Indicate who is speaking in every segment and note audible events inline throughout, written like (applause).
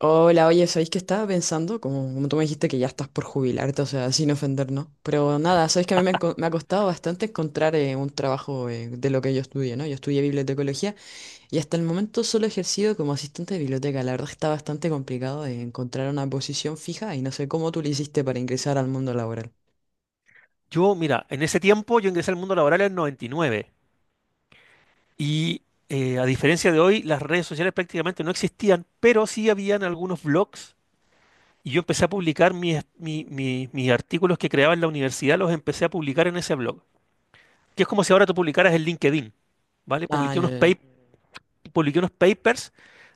Speaker 1: Hola, oye, ¿sabéis que estaba pensando? Como tú me dijiste que ya estás por jubilarte, o sea, sin ofender, ¿no? Pero nada, sabéis que a mí me ha costado bastante encontrar un trabajo de lo que yo estudié, ¿no? Yo estudié bibliotecología y hasta el momento solo he ejercido como asistente de biblioteca. La verdad está bastante complicado de encontrar una posición fija y no sé cómo tú le hiciste para ingresar al mundo laboral.
Speaker 2: Yo, mira, en ese tiempo yo ingresé al mundo laboral en 99 y nueve y a diferencia de hoy, las redes sociales prácticamente no existían, pero sí habían algunos blogs y yo empecé a publicar mis artículos que creaba en la universidad, los empecé a publicar en ese blog, que es como si ahora tú publicaras en LinkedIn, ¿vale?
Speaker 1: Ah,
Speaker 2: Publiqué
Speaker 1: ya,
Speaker 2: unos,
Speaker 1: ya,
Speaker 2: pa-
Speaker 1: ya.
Speaker 2: publiqué unos papers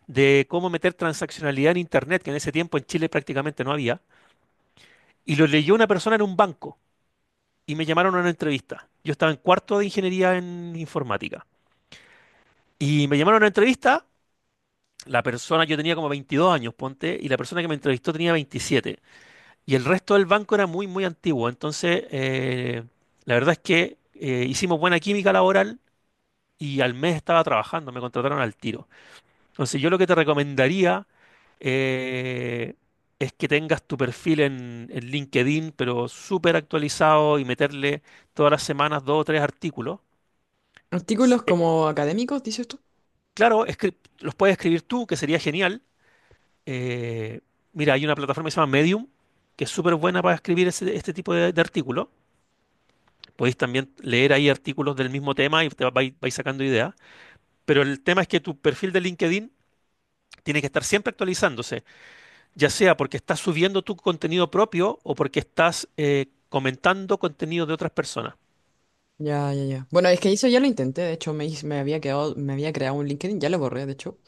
Speaker 2: de cómo meter transaccionalidad en Internet, que en ese tiempo en Chile prácticamente no había, y lo leyó una persona en un banco y me llamaron a una entrevista. Yo estaba en cuarto de ingeniería en informática. Y me llamaron a una entrevista. La persona, yo tenía como 22 años, ponte, y la persona que me entrevistó tenía 27. Y el resto del banco era muy, muy antiguo. Entonces, la verdad es que hicimos buena química laboral y al mes estaba trabajando, me contrataron al tiro. Entonces, yo lo que te recomendaría eh, es que tengas tu perfil en LinkedIn, pero súper actualizado y meterle todas las semanas dos o tres artículos.
Speaker 1: Artículos
Speaker 2: eh,
Speaker 1: como académicos, dices tú.
Speaker 2: claro, los puedes escribir tú, que sería genial. Eh, mira, hay una plataforma que se llama Medium, que es súper buena para escribir este tipo de artículos. Podéis también leer ahí artículos del mismo tema y vais sacando ideas. Pero el tema es que tu perfil de LinkedIn tiene que estar siempre actualizándose, ya sea porque estás subiendo tu contenido propio o porque estás comentando contenido de otras personas.
Speaker 1: Ya, ya, ya. Bueno, es que eso ya lo intenté, de hecho me había quedado, me había creado un LinkedIn, ya lo borré, de hecho,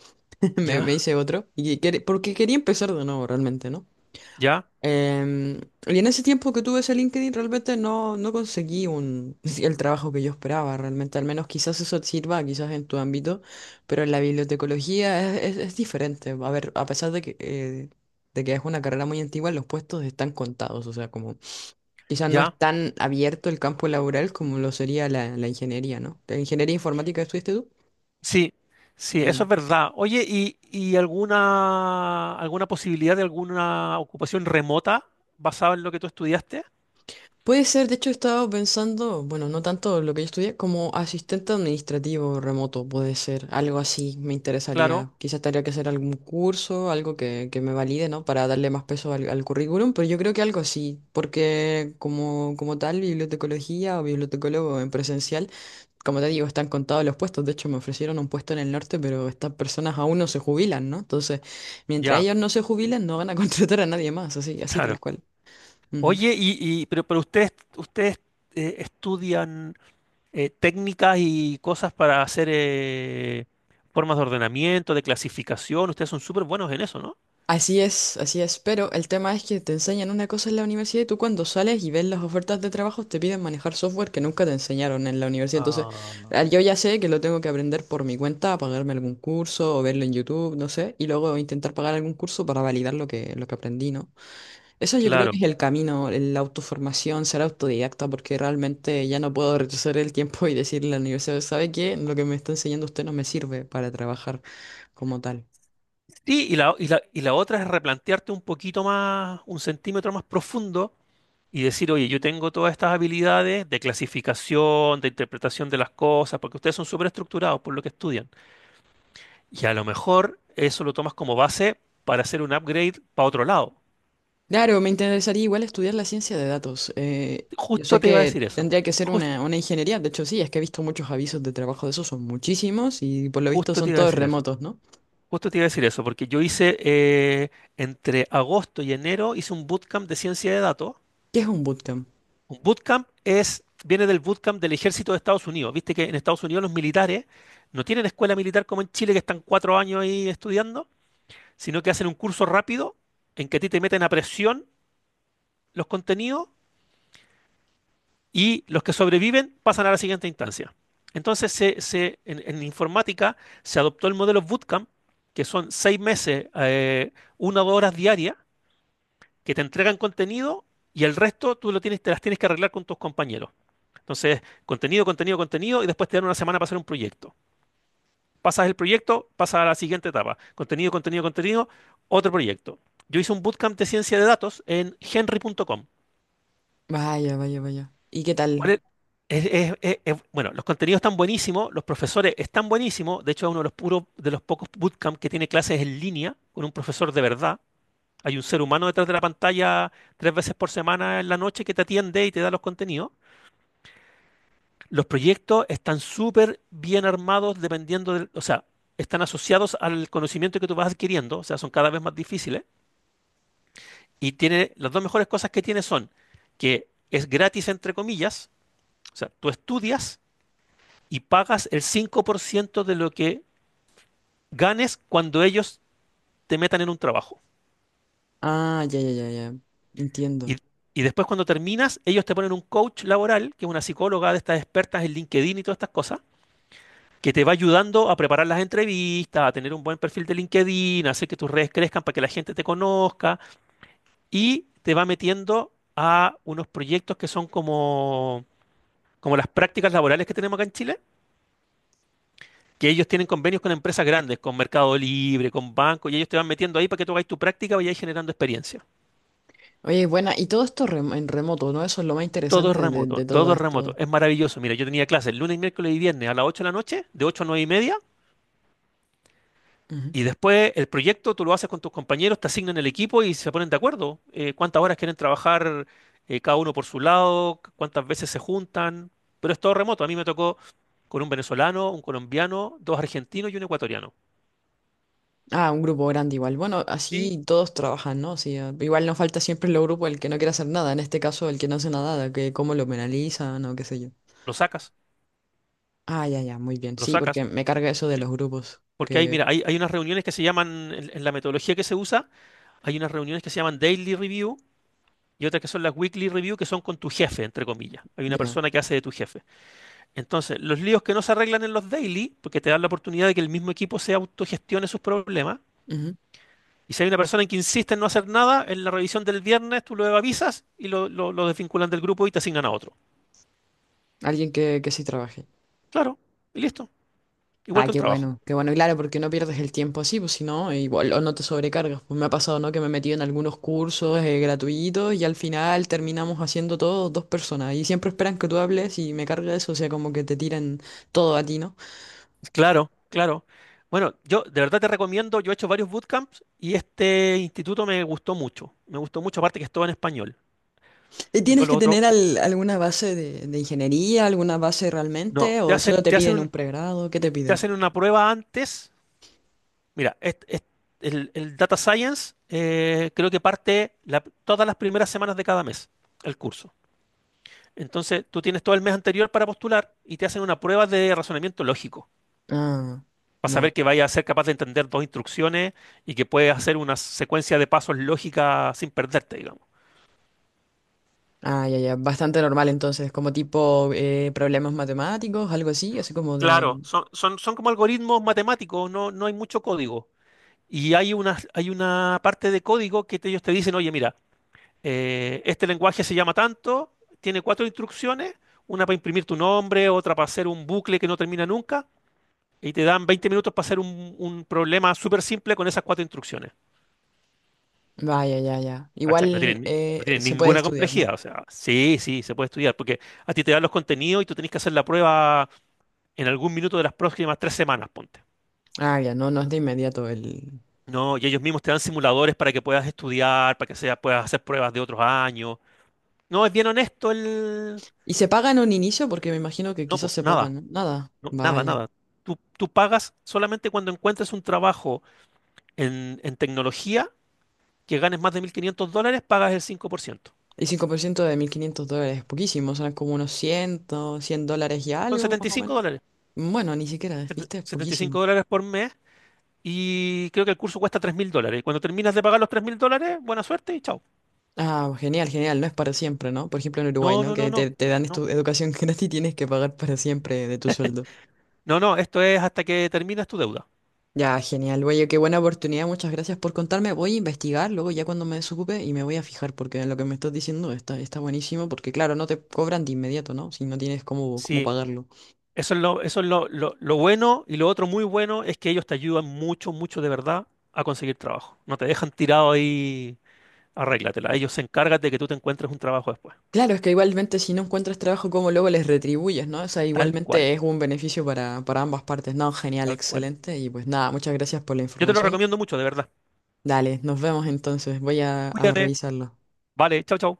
Speaker 1: (laughs) Me
Speaker 2: Ya,
Speaker 1: hice otro. Y porque quería empezar de nuevo realmente, ¿no?
Speaker 2: ya,
Speaker 1: Em, y en ese tiempo que tuve ese LinkedIn realmente no conseguí (laughs) el trabajo que yo esperaba realmente. Al menos quizás eso te sirva, quizás en tu ámbito, pero en la bibliotecología es diferente. A ver, a pesar de que es una carrera muy antigua, los puestos están contados. O sea, como quizás no es
Speaker 2: ya.
Speaker 1: tan abierto el campo laboral como lo sería la ingeniería, ¿no? ¿La ingeniería informática estudiaste
Speaker 2: Sí, sí, eso
Speaker 1: tú?
Speaker 2: es verdad. Oye, ¿y alguna posibilidad de alguna ocupación remota basada en lo que tú estudiaste?
Speaker 1: Puede ser, de hecho he estado pensando, bueno, no tanto lo que yo estudié, como asistente administrativo remoto, puede ser, algo así me
Speaker 2: Claro,
Speaker 1: interesaría. Quizás tendría que hacer algún curso, algo que me valide, ¿no? Para darle más peso al currículum, pero yo creo que algo así, porque como tal, bibliotecología o bibliotecólogo en presencial, como te digo, están contados los puestos, de hecho me ofrecieron un puesto en el norte, pero estas personas aún no se jubilan, ¿no? Entonces, mientras
Speaker 2: ya,
Speaker 1: ellos no se jubilan, no van a (laughs) contratar a nadie más, así, así tal
Speaker 2: claro.
Speaker 1: cual. Ujú.
Speaker 2: Oye, pero ustedes estudian técnicas y cosas para hacer formas de ordenamiento, de clasificación. Ustedes son súper buenos en eso, ¿no?
Speaker 1: Así es, pero el tema es que te enseñan una cosa en la universidad y tú cuando sales y ves las ofertas de trabajo te piden manejar software que nunca te enseñaron en la universidad. Entonces,
Speaker 2: Ah,
Speaker 1: ah, yo ya sé que lo tengo que aprender por mi cuenta, pagarme algún curso o verlo en YouTube, no sé, y luego intentar pagar algún curso para validar lo que aprendí, ¿no? Eso yo creo que
Speaker 2: claro.
Speaker 1: es el camino, la autoformación, ser autodidacta, porque realmente ya no puedo retroceder el tiempo y decirle a la universidad, ¿sabe qué? Lo que me está enseñando usted no me sirve para trabajar como tal.
Speaker 2: Sí, y la otra es replantearte un poquito más, un centímetro más profundo y decir, oye, yo tengo todas estas habilidades de clasificación, de interpretación de las cosas, porque ustedes son súper estructurados por lo que estudian. Y a lo mejor eso lo tomas como base para hacer un upgrade para otro lado.
Speaker 1: Claro, me interesaría igual estudiar la ciencia de datos. Yo
Speaker 2: Justo
Speaker 1: sé
Speaker 2: te iba a
Speaker 1: que
Speaker 2: decir eso.
Speaker 1: tendría que ser
Speaker 2: Jus-
Speaker 1: una ingeniería, de hecho sí, es que he visto muchos avisos de trabajo de esos, son muchísimos y por lo visto
Speaker 2: justo te
Speaker 1: son
Speaker 2: iba a
Speaker 1: todos
Speaker 2: decir eso.
Speaker 1: remotos, ¿no?
Speaker 2: Justo te iba a decir eso, porque yo hice entre agosto y enero hice un bootcamp de ciencia de datos.
Speaker 1: ¿Qué es un bootcamp?
Speaker 2: Un bootcamp es, viene del bootcamp del ejército de Estados Unidos. Viste que en Estados Unidos los militares no tienen escuela militar como en Chile, que están 4 años ahí estudiando, sino que hacen un curso rápido en que a ti te meten a presión los contenidos y los que sobreviven pasan a la siguiente instancia. Entonces, en informática se adoptó el modelo bootcamp, que son 6 meses, una o dos horas diarias, que te entregan contenido y el resto tú lo tienes, te las tienes que arreglar con tus compañeros. Entonces, contenido, contenido, contenido, y después te dan una semana para hacer un proyecto. Pasas el proyecto, pasas a la siguiente etapa. Contenido, contenido, contenido, otro proyecto. Yo hice un bootcamp de ciencia de datos en henry.com.
Speaker 1: Vaya, vaya, vaya. ¿Y qué
Speaker 2: ¿Cuál
Speaker 1: tal?
Speaker 2: es? Bueno, los contenidos están buenísimos, los profesores están buenísimos. De hecho, es uno de los, puros, de los pocos bootcamp que tiene clases en línea con un profesor de verdad. Hay un ser humano detrás de la pantalla tres veces por semana en la noche que te atiende y te da los contenidos. Los proyectos están súper bien armados dependiendo del, o sea, están asociados al conocimiento que tú vas adquiriendo, o sea, son cada vez más difíciles. Y tiene, las dos mejores cosas que tiene son que es gratis, entre comillas, o sea, tú estudias y pagas el 5% de lo que ganes cuando ellos te metan en un trabajo.
Speaker 1: Ah, ya, ya, ya, ya. Entiendo.
Speaker 2: Y, y después cuando terminas, ellos te ponen un coach laboral, que es una psicóloga de estas expertas en LinkedIn y todas estas cosas, que te va ayudando a preparar las entrevistas, a tener un buen perfil de LinkedIn, a hacer que tus redes crezcan para que la gente te conozca y te va metiendo a unos proyectos que son como, como las prácticas laborales que tenemos acá en Chile, que ellos tienen convenios con empresas grandes, con Mercado Libre, con bancos, y ellos te van metiendo ahí para que tú hagas tu práctica y vayas generando experiencia.
Speaker 1: Oye, buena, y todo esto en remoto, ¿no? Eso es lo más
Speaker 2: Todo es
Speaker 1: interesante de,
Speaker 2: remoto,
Speaker 1: de todo
Speaker 2: todo es remoto.
Speaker 1: esto.
Speaker 2: Es maravilloso. Mira, yo tenía clases lunes, miércoles y viernes a las 8 de la noche, de 8 a 9:30,
Speaker 1: Ujú.
Speaker 2: y después el proyecto tú lo haces con tus compañeros, te asignan el equipo y se ponen de acuerdo. Cuántas horas quieren trabajar cada uno por su lado, cuántas veces se juntan, pero es todo remoto. A mí me tocó con un venezolano, un colombiano, dos argentinos y un ecuatoriano.
Speaker 1: Ah, un grupo grande igual. Bueno,
Speaker 2: Sí,
Speaker 1: así todos trabajan, ¿no? Sí, ah, igual nos falta siempre el grupo el que no quiere hacer nada, en este caso el que no hace nada, que cómo lo penalizan o qué sé yo.
Speaker 2: lo sacas,
Speaker 1: Ah, ya, ya, muy bien.
Speaker 2: lo
Speaker 1: Sí, porque
Speaker 2: sacas.
Speaker 1: me carga eso de
Speaker 2: Sí.
Speaker 1: los grupos,
Speaker 2: Porque hay,
Speaker 1: que
Speaker 2: mira, hay, hay unas reuniones que se llaman, en la metodología que se usa, hay unas reuniones que se llaman daily review y otras que son las weekly review, que son con tu jefe, entre comillas. Hay una
Speaker 1: ya.
Speaker 2: persona que hace de tu jefe. Entonces, los líos que no se arreglan en los daily, porque te dan la oportunidad de que el mismo equipo se autogestione sus problemas.
Speaker 1: Ujú.
Speaker 2: Y si hay una persona que insiste en no hacer nada, en la revisión del viernes tú lo avisas y lo desvinculan del grupo y te asignan a otro.
Speaker 1: Alguien que sí trabaje.
Speaker 2: Claro, y listo. Igual
Speaker 1: Ah,
Speaker 2: que un trabajo.
Speaker 1: qué bueno, claro, porque no pierdes el tiempo así, pues si no, igual o no te sobrecargas. Pues me ha pasado, ¿no? Que me he metido en algunos cursos gratuitos y al final terminamos haciendo todos dos personas y siempre esperan que tú hables y me carga eso, o sea, como que te tiran todo a ti, ¿no?
Speaker 2: Claro, claro. Bueno, yo de verdad te recomiendo, yo he hecho varios bootcamps y este instituto me gustó mucho. Me gustó mucho, aparte que es todo en español.
Speaker 1: ¿Y
Speaker 2: Yo
Speaker 1: tienes que
Speaker 2: lo otro,
Speaker 1: tener alguna base de ingeniería, alguna base
Speaker 2: no,
Speaker 1: realmente,
Speaker 2: te
Speaker 1: o solo
Speaker 2: hacen,
Speaker 1: te
Speaker 2: te hacen,
Speaker 1: piden un
Speaker 2: un-
Speaker 1: pregrado? ¿Qué te
Speaker 2: te
Speaker 1: piden?
Speaker 2: hacen una prueba antes. Mira, el Data Science, creo que parte todas las primeras semanas de cada mes, el curso. Entonces, tú tienes todo el mes anterior para postular y te hacen una prueba de razonamiento lógico,
Speaker 1: Ah,
Speaker 2: para
Speaker 1: ya.
Speaker 2: saber que vaya a ser capaz de entender dos instrucciones y que puedes hacer una secuencia de pasos lógica sin perderte, digamos.
Speaker 1: Ah, ya, ya, bastante normal entonces, como tipo problemas matemáticos, algo así, así como
Speaker 2: Claro,
Speaker 1: de.
Speaker 2: son como algoritmos matemáticos, no hay mucho código. Y hay una parte de código que ellos te dicen, oye, mira, este lenguaje se llama tanto, tiene 4 instrucciones, una para imprimir tu nombre, otra para hacer un bucle que no termina nunca, y te dan 20 minutos para hacer un problema súper simple con esas 4 instrucciones.
Speaker 1: Vaya, ya, ya.
Speaker 2: ¿Cachai? No
Speaker 1: Igual
Speaker 2: tienen, no tienen
Speaker 1: se puede
Speaker 2: ninguna
Speaker 1: estudiar, ¿no?
Speaker 2: complejidad. O sea, sí, sí, se puede estudiar, porque a ti te dan los contenidos y tú tenés que hacer la prueba en algún minuto de las próximas 3 semanas, ponte.
Speaker 1: Ah, ya, no, no es de inmediato el.
Speaker 2: No, y ellos mismos te dan simuladores para que puedas estudiar, para que sea, puedas hacer pruebas de otros años. No, es bien honesto el...
Speaker 1: ¿Y se paga en un inicio? Porque me imagino que
Speaker 2: No,
Speaker 1: quizás
Speaker 2: pues
Speaker 1: se
Speaker 2: nada,
Speaker 1: pagan, ¿no? Nada,
Speaker 2: no, nada,
Speaker 1: vaya.
Speaker 2: nada. Tú pagas solamente cuando encuentres un trabajo en tecnología que ganes más de 1.500 dólares, pagas el 5%.
Speaker 1: Y 5% de 1.500 dólares, poquísimo, son como unos 100, 100 dólares y
Speaker 2: Son
Speaker 1: algo,
Speaker 2: setenta
Speaker 1: más
Speaker 2: y
Speaker 1: o
Speaker 2: cinco
Speaker 1: menos.
Speaker 2: dólares.
Speaker 1: Bueno, ni siquiera, viste, es
Speaker 2: setenta y
Speaker 1: poquísimo.
Speaker 2: cinco dólares por mes. Y creo que el curso cuesta 3.000 dólares. Y cuando terminas de pagar los 3.000 dólares, buena suerte y chao.
Speaker 1: Ah, genial, genial, no es para siempre, ¿no? Por ejemplo, en Uruguay,
Speaker 2: No,
Speaker 1: ¿no?
Speaker 2: no, no,
Speaker 1: Que
Speaker 2: no.
Speaker 1: te dan
Speaker 2: No,
Speaker 1: educación (laughs) gratis y tienes que pagar para siempre de tu sueldo.
Speaker 2: no, no. Esto es hasta que terminas tu deuda.
Speaker 1: Ya, genial. Oye, qué buena oportunidad. Muchas gracias por contarme. Voy a investigar luego ya cuando me desocupe y me voy a fijar porque lo que me estás diciendo está buenísimo porque claro, no te cobran de inmediato, ¿no? Si no tienes cómo
Speaker 2: Sí,
Speaker 1: pagarlo.
Speaker 2: eso es lo bueno. Y lo otro muy bueno es que ellos te ayudan mucho, mucho de verdad a conseguir trabajo. No te dejan tirado ahí, arréglatela. Ellos se encargan de que tú te encuentres un trabajo después.
Speaker 1: Claro, es que igualmente si no encuentras trabajo, ¿cómo luego les retribuyes, ¿no? O sea,
Speaker 2: Tal cual,
Speaker 1: igualmente es un beneficio para ambas partes. No, genial,
Speaker 2: tal cual.
Speaker 1: excelente. Y pues nada, muchas gracias por la
Speaker 2: Yo te lo
Speaker 1: información.
Speaker 2: recomiendo mucho, de verdad.
Speaker 1: Dale, nos vemos entonces. Voy a
Speaker 2: Cuídate.
Speaker 1: revisarlo.
Speaker 2: Vale, chao, chao.